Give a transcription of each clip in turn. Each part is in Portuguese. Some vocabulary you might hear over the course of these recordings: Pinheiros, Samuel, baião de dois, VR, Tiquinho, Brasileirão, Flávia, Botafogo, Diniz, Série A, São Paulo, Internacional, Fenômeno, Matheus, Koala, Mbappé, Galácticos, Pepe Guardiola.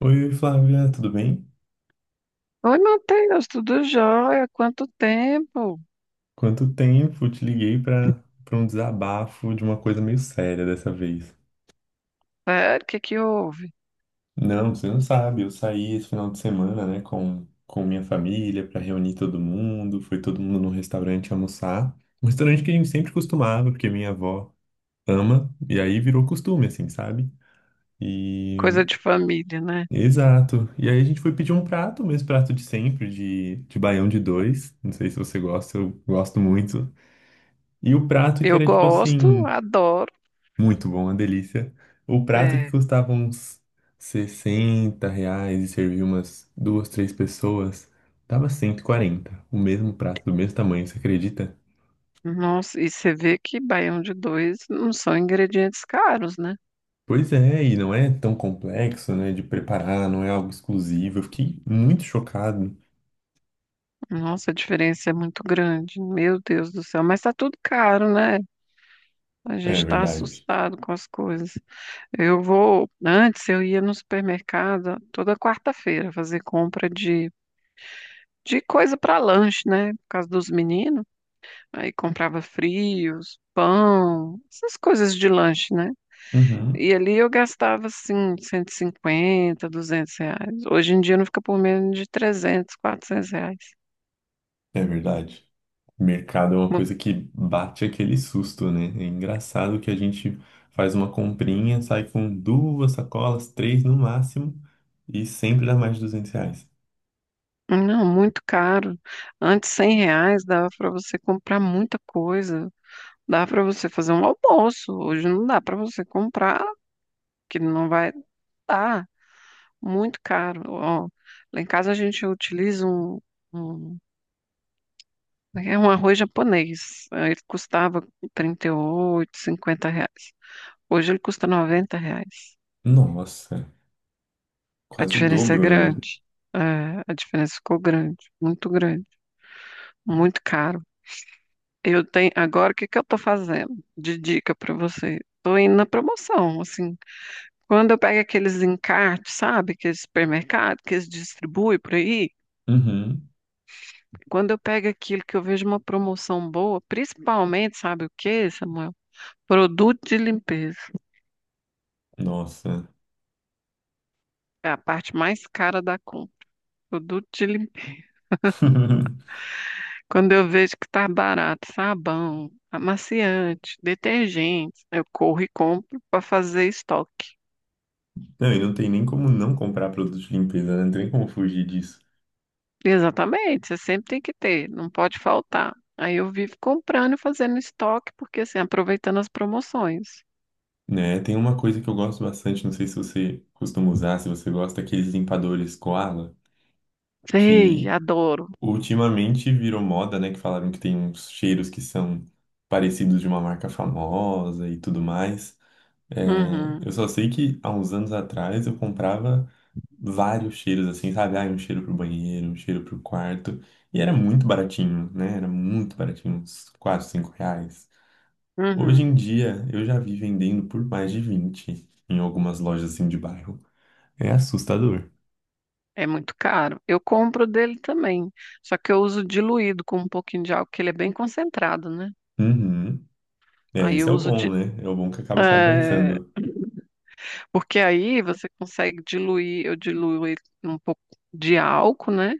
Oi, Flávia, tudo bem? Oi, Matheus, tudo jóia? Quanto tempo? Quanto tempo? Te liguei para um desabafo de uma coisa meio séria dessa vez. Sério, o que que houve? Não, você não sabe, eu saí esse final de semana, né, com minha família para reunir todo mundo, foi todo mundo num restaurante almoçar. Um restaurante que a gente sempre costumava, porque minha avó ama, e aí virou costume, assim, sabe? E Coisa de família, né? Exato. E aí a gente foi pedir um prato, o mesmo prato de sempre, de baião de dois. Não sei se você gosta, eu gosto muito. E o prato que Eu era tipo gosto, assim. adoro. Muito bom, uma delícia. O prato que É, custava uns R$ 60 e servia umas duas, três pessoas, tava 140. O mesmo prato, do mesmo tamanho, você acredita? nossa, e você vê que baião de dois não são ingredientes caros, né? Pois é, e não é tão complexo, né, de preparar, não é algo exclusivo. Eu fiquei muito chocado. Nossa, a diferença é muito grande. Meu Deus do céu, mas tá tudo caro, né? A É gente tá verdade. assustado com as coisas. Eu vou, antes eu ia no supermercado toda quarta-feira fazer compra de coisa para lanche, né? Por causa dos meninos. Aí comprava frios, pão, essas coisas de lanche, né? Uhum, E ali eu gastava, assim, R$ 150, R$ 200. Hoje em dia não fica por menos de R$ 300, R$ 400. é verdade. Mercado é uma Mu- coisa que bate aquele susto, né? É engraçado que a gente faz uma comprinha, sai com duas sacolas, três no máximo, e sempre dá mais de R$ 200. Não, muito caro. Antes, R$ 100 dava para você comprar muita coisa. Dava para você fazer um almoço. Hoje não dá para você comprar, que não vai dar. Muito caro. Ó, lá em casa a gente utiliza um é um arroz japonês. Aí ele custava R$ 38, R$ 50. Hoje ele custa R$ 90. Nossa, A quase o diferença é dobro, né? grande. É, a diferença ficou grande, muito caro. Eu tenho, agora o que que eu tô fazendo? De dica para você. Tô indo na promoção, assim. Quando eu pego aqueles encartes, sabe? Que Aqueles supermercado que eles distribuem por aí, Uhum, quando eu pego aquilo que eu vejo uma promoção boa, principalmente, sabe o que, Samuel? Produto de limpeza. nossa. É a parte mais cara da compra. Produto de limpeza. Quando eu vejo que tá barato, sabão, amaciante, detergente, eu corro e compro para fazer estoque. Não, e não tem nem como não comprar produtos de limpeza, né? Não tem como fugir disso. Exatamente, você sempre tem que ter, não pode faltar. Aí eu vivo comprando e fazendo estoque, porque assim, aproveitando as promoções. Né? Tem uma coisa que eu gosto bastante, não sei se você costuma usar, se você gosta, aqueles limpadores Koala, Sei, que adoro. ultimamente virou moda, né? Que falaram que tem uns cheiros que são parecidos de uma marca famosa e tudo mais. É, Uhum, eu só sei que há uns anos atrás eu comprava vários cheiros, assim, sabe? Ah, um cheiro pro banheiro, um cheiro pro quarto. E era muito baratinho, né? Era muito baratinho, uns 4, 5 reais. Hoje em uhum. dia eu já vi vendendo por mais de 20 em algumas lojas assim de bairro. É assustador. É muito caro. Eu compro dele também, só que eu uso diluído com um pouquinho de álcool, que ele é bem concentrado, né? Uhum. É, Aí esse eu é o bom, né? É o bom que acaba é, compensando. porque aí você consegue diluir, eu diluo ele um pouco de álcool, né?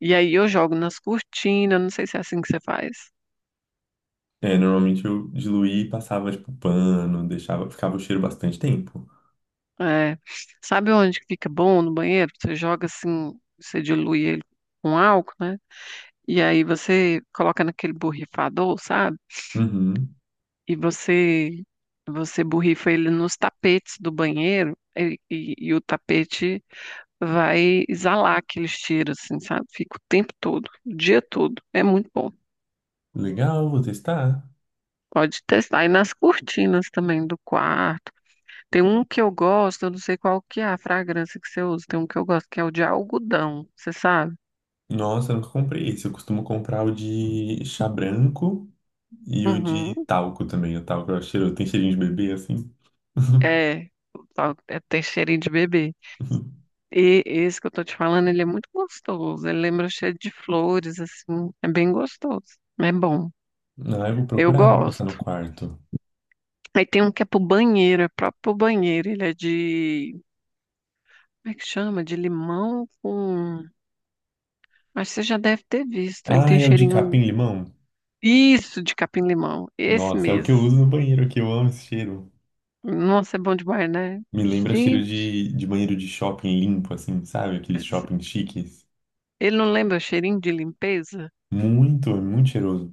E aí eu jogo nas cortinas, não sei se é assim que você faz. É, normalmente eu diluía e passava, tipo, pano, deixava, ficava o cheiro bastante tempo. É. Sabe onde que fica bom no banheiro? Você joga assim, você dilui ele com álcool, né? E aí você coloca naquele borrifador, sabe? Uhum. E você borrifa ele nos tapetes do banheiro e o tapete vai exalar aqueles cheiros, assim, sabe? Fica o tempo todo, o dia todo. É muito bom. Legal, vou testar. Pode testar. E nas cortinas também do quarto. Tem um que eu gosto, eu não sei qual que é a fragrância que você usa. Tem um que eu gosto que é o de algodão, você sabe? Nossa, eu nunca comprei esse. Eu costumo comprar o de chá branco e o de Uhum. talco também. O talco é cheiro, tem cheirinho de bebê, assim. É, Tem cheirinho de bebê. E esse que eu tô te falando, ele é muito gostoso. Ele lembra cheiro de flores, assim. É bem gostoso. É bom. Ah, eu vou Eu procurar pra passar gosto. no quarto. Aí tem um que é pro banheiro, é próprio pro banheiro. Ele é de. Como é que chama? De limão com. Acho que você já deve ter visto. Ele Ah, tem é o de cheirinho. capim-limão? Isso, de capim-limão, esse Nossa, é o que mesmo. eu uso no banheiro aqui. Eu amo esse cheiro. Nossa, é bom demais, né? Me lembra cheiro Gente, de banheiro de shopping limpo, assim, sabe? Aqueles esse- shopping chiques. ele não lembra o cheirinho de limpeza? Muito, é muito cheiroso.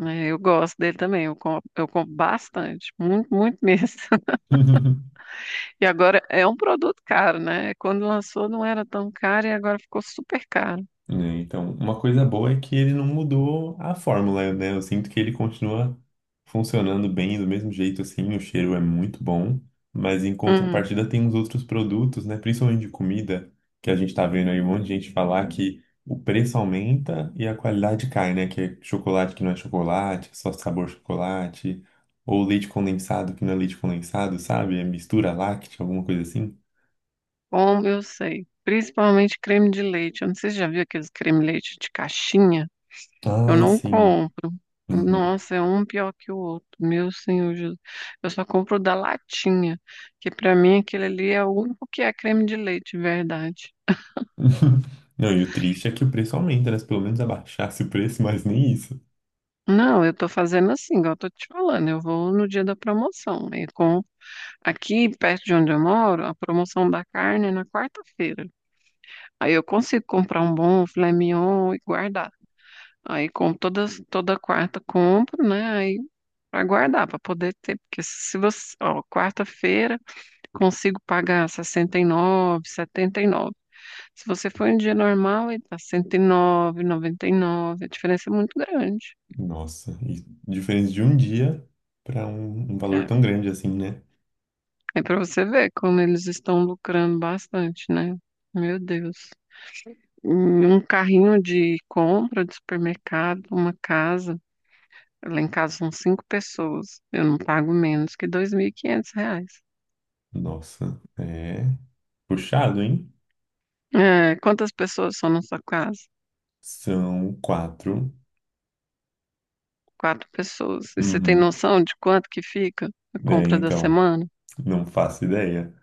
É, eu gosto dele também, eu compro bastante, muito, muito mesmo. E agora é um produto caro, né? Quando lançou não era tão caro e agora ficou super caro. Né? Então, uma coisa boa é que ele não mudou a fórmula, né? Eu sinto que ele continua funcionando bem do mesmo jeito, assim, o cheiro é muito bom, mas em Uhum. contrapartida tem uns outros produtos, né? Principalmente de comida, que a gente tá vendo aí um monte de gente falar que o preço aumenta e a qualidade cai, né? Que é chocolate que não é chocolate, só sabor chocolate, ou leite condensado que não é leite condensado, sabe? É mistura láctea, alguma coisa assim. Como eu sei, principalmente creme de leite. Eu não sei se você já viu aqueles creme de leite de caixinha. Eu Ai, não sim. compro. Uhum. Nossa, é um pior que o outro. Meu Senhor Jesus. Eu só compro o da latinha, que pra mim aquele ali é o único que é creme de leite, de verdade. Não, e o triste é que o preço aumenta, né? Se pelo menos abaixasse o preço, mas nem isso. Não, eu tô fazendo assim, igual eu tô te falando. Eu vou no dia da promoção. Aí compro. Aqui, perto de onde eu moro, a promoção da carne é na quarta-feira. Aí eu consigo comprar um bom filé mignon e guardar. Aí com todas, toda quarta compro, né? Aí pra guardar, pra poder ter. Porque se você, ó, quarta-feira, consigo pagar 69, 79. Se você for em dia normal, aí tá 109, 99. A diferença é muito grande. Nossa, e diferença de um dia para um, um valor É, tão grande assim, né? é para você ver como eles estão lucrando bastante, né? Meu Deus. Um carrinho de compra de supermercado, uma casa. Lá em casa são cinco pessoas. Eu não pago menos que R$ 2.500. Nossa, é puxado, hein? É, quantas pessoas são na sua casa? São quatro. Quatro pessoas. E você tem Uhum. noção de quanto que fica a É, compra da então, semana? não faço ideia.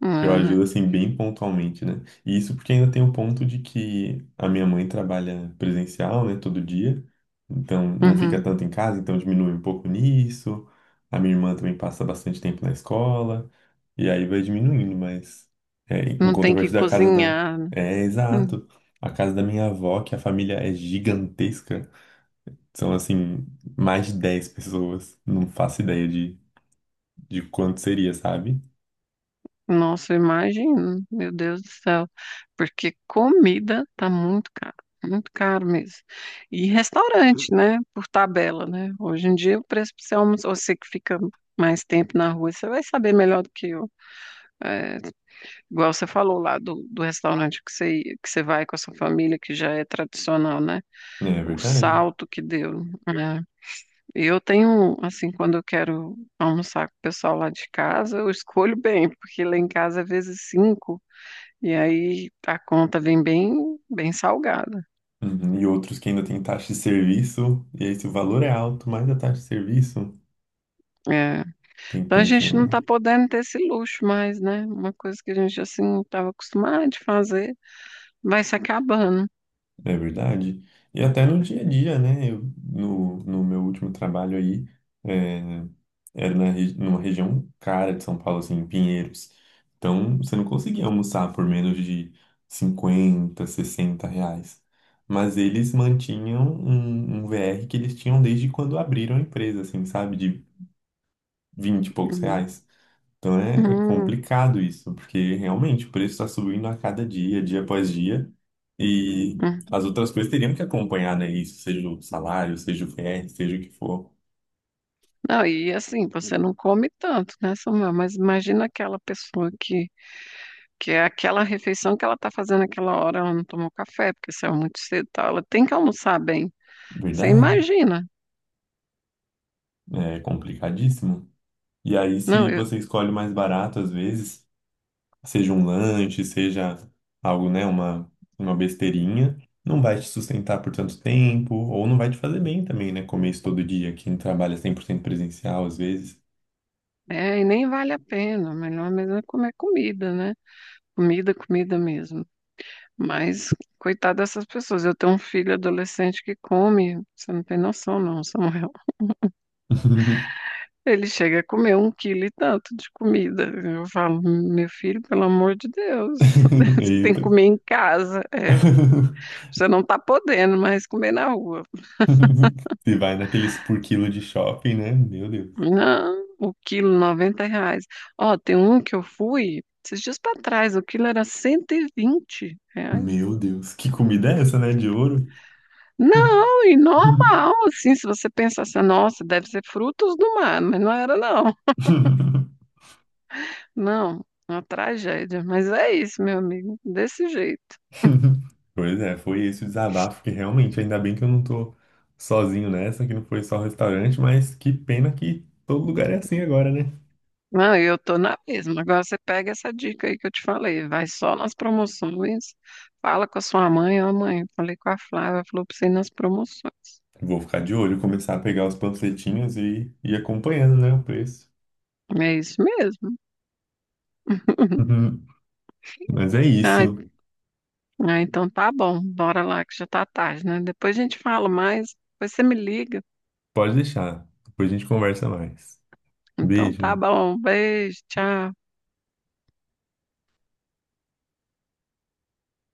É, Que eu ajudo, né? assim, bem pontualmente, né? E isso porque ainda tem o ponto de que a minha mãe trabalha presencial, né, todo dia. Então, não fica Uhum. tanto em casa, então diminui um pouco nisso. A minha irmã também passa bastante tempo na escola. E aí vai diminuindo, mas... É, em Não tem que contrapartida, a casa da... cozinhar, né? É, Hum. exato. A casa da minha avó, que a família é gigantesca. São, assim, mais de 10 pessoas. Não faço ideia de quanto seria, sabe? Nossa, imagina, meu Deus do céu. Porque comida tá muito caro mesmo. E restaurante, né? Por tabela, né? Hoje em dia o preço pra você almoçar, você que fica mais tempo na rua, você vai saber melhor do que eu. É, igual você falou lá do, do restaurante que que você vai com a sua família, que já é tradicional, né? É O verdade. salto que deu, né? E eu tenho, assim, quando eu quero almoçar com o pessoal lá de casa, eu escolho bem, porque lá em casa é vezes cinco, e aí a conta vem bem, bem salgada. Uhum. E outros que ainda tem taxa de serviço, e aí se o valor é alto, mais a taxa de serviço, É. tem que Então a pensar, gente não né? está podendo ter esse luxo mais, né? Uma coisa que a gente, assim, estava acostumado de fazer, vai se acabando. É verdade. E até no dia a dia, né? Eu, no meu último trabalho aí, é, era numa região cara de São Paulo, assim, em Pinheiros. Então, você não conseguia almoçar por menos de 50 60 reais. Mas eles mantinham um VR que eles tinham desde quando abriram a empresa, assim, sabe? De 20 e poucos Uhum. reais. Então é Uhum. complicado isso, porque realmente o preço está subindo a cada dia, dia após dia, e Uhum. as outras coisas teriam que acompanhar, né? Isso, seja o salário, seja o VR, seja o que for. Não, e assim, você não come tanto, né, Samuel? Mas imagina aquela pessoa que é aquela refeição que ela está fazendo aquela hora, ela não tomou café, porque saiu muito cedo e tal. Ela tem que almoçar bem. Você Verdade, imagina. é complicadíssimo. E aí, Não, se eu, você escolhe o mais barato, às vezes, seja um lanche, seja algo, né, uma besteirinha, não vai te sustentar por tanto tempo, ou não vai te fazer bem também, né? Comer isso todo dia, quem trabalha 100% presencial, às vezes. E nem vale a pena. Melhor mesmo é comer comida, né? Comida, comida mesmo. Mas, coitada dessas pessoas. Eu tenho um filho adolescente que come, você não tem noção, não, Samuel. Ele chega a comer um quilo e tanto de comida. Eu falo, meu filho, pelo amor de Deus, você tem que Eita. comer em casa. É, você não tá podendo mais comer na rua. Se vai naqueles por quilo de shopping, né? Meu Deus. Não, o quilo, R$ 90. Ó, tem um que eu fui esses dias para trás, o quilo era R$ 120. Meu Deus. Que comida é essa, né? De ouro? Não, e normal, assim, se você pensasse, nossa, deve ser frutos do mar, mas não era, não. Não, uma tragédia. Mas é isso, meu amigo, desse jeito. Pois é, foi esse o desabafo que realmente, ainda bem que eu não tô sozinho nessa, que não foi só restaurante, mas que pena que todo lugar é assim agora, né? Não, e eu tô na mesma. Agora você pega essa dica aí que eu te falei, vai só nas promoções, fala com a sua mãe, ó, mãe, falei com a Flávia, falou pra você ir nas promoções. Vou ficar de olho, começar a pegar os panfletinhos e ir acompanhando, né, o preço. É isso mesmo. Uhum. Mas é Ai, isso. ah, então tá bom, bora lá que já tá tarde, né? Depois a gente fala mais, depois você me liga. Pode deixar. Depois a gente conversa mais. Então tá Beijo. bom, beijo, tchau.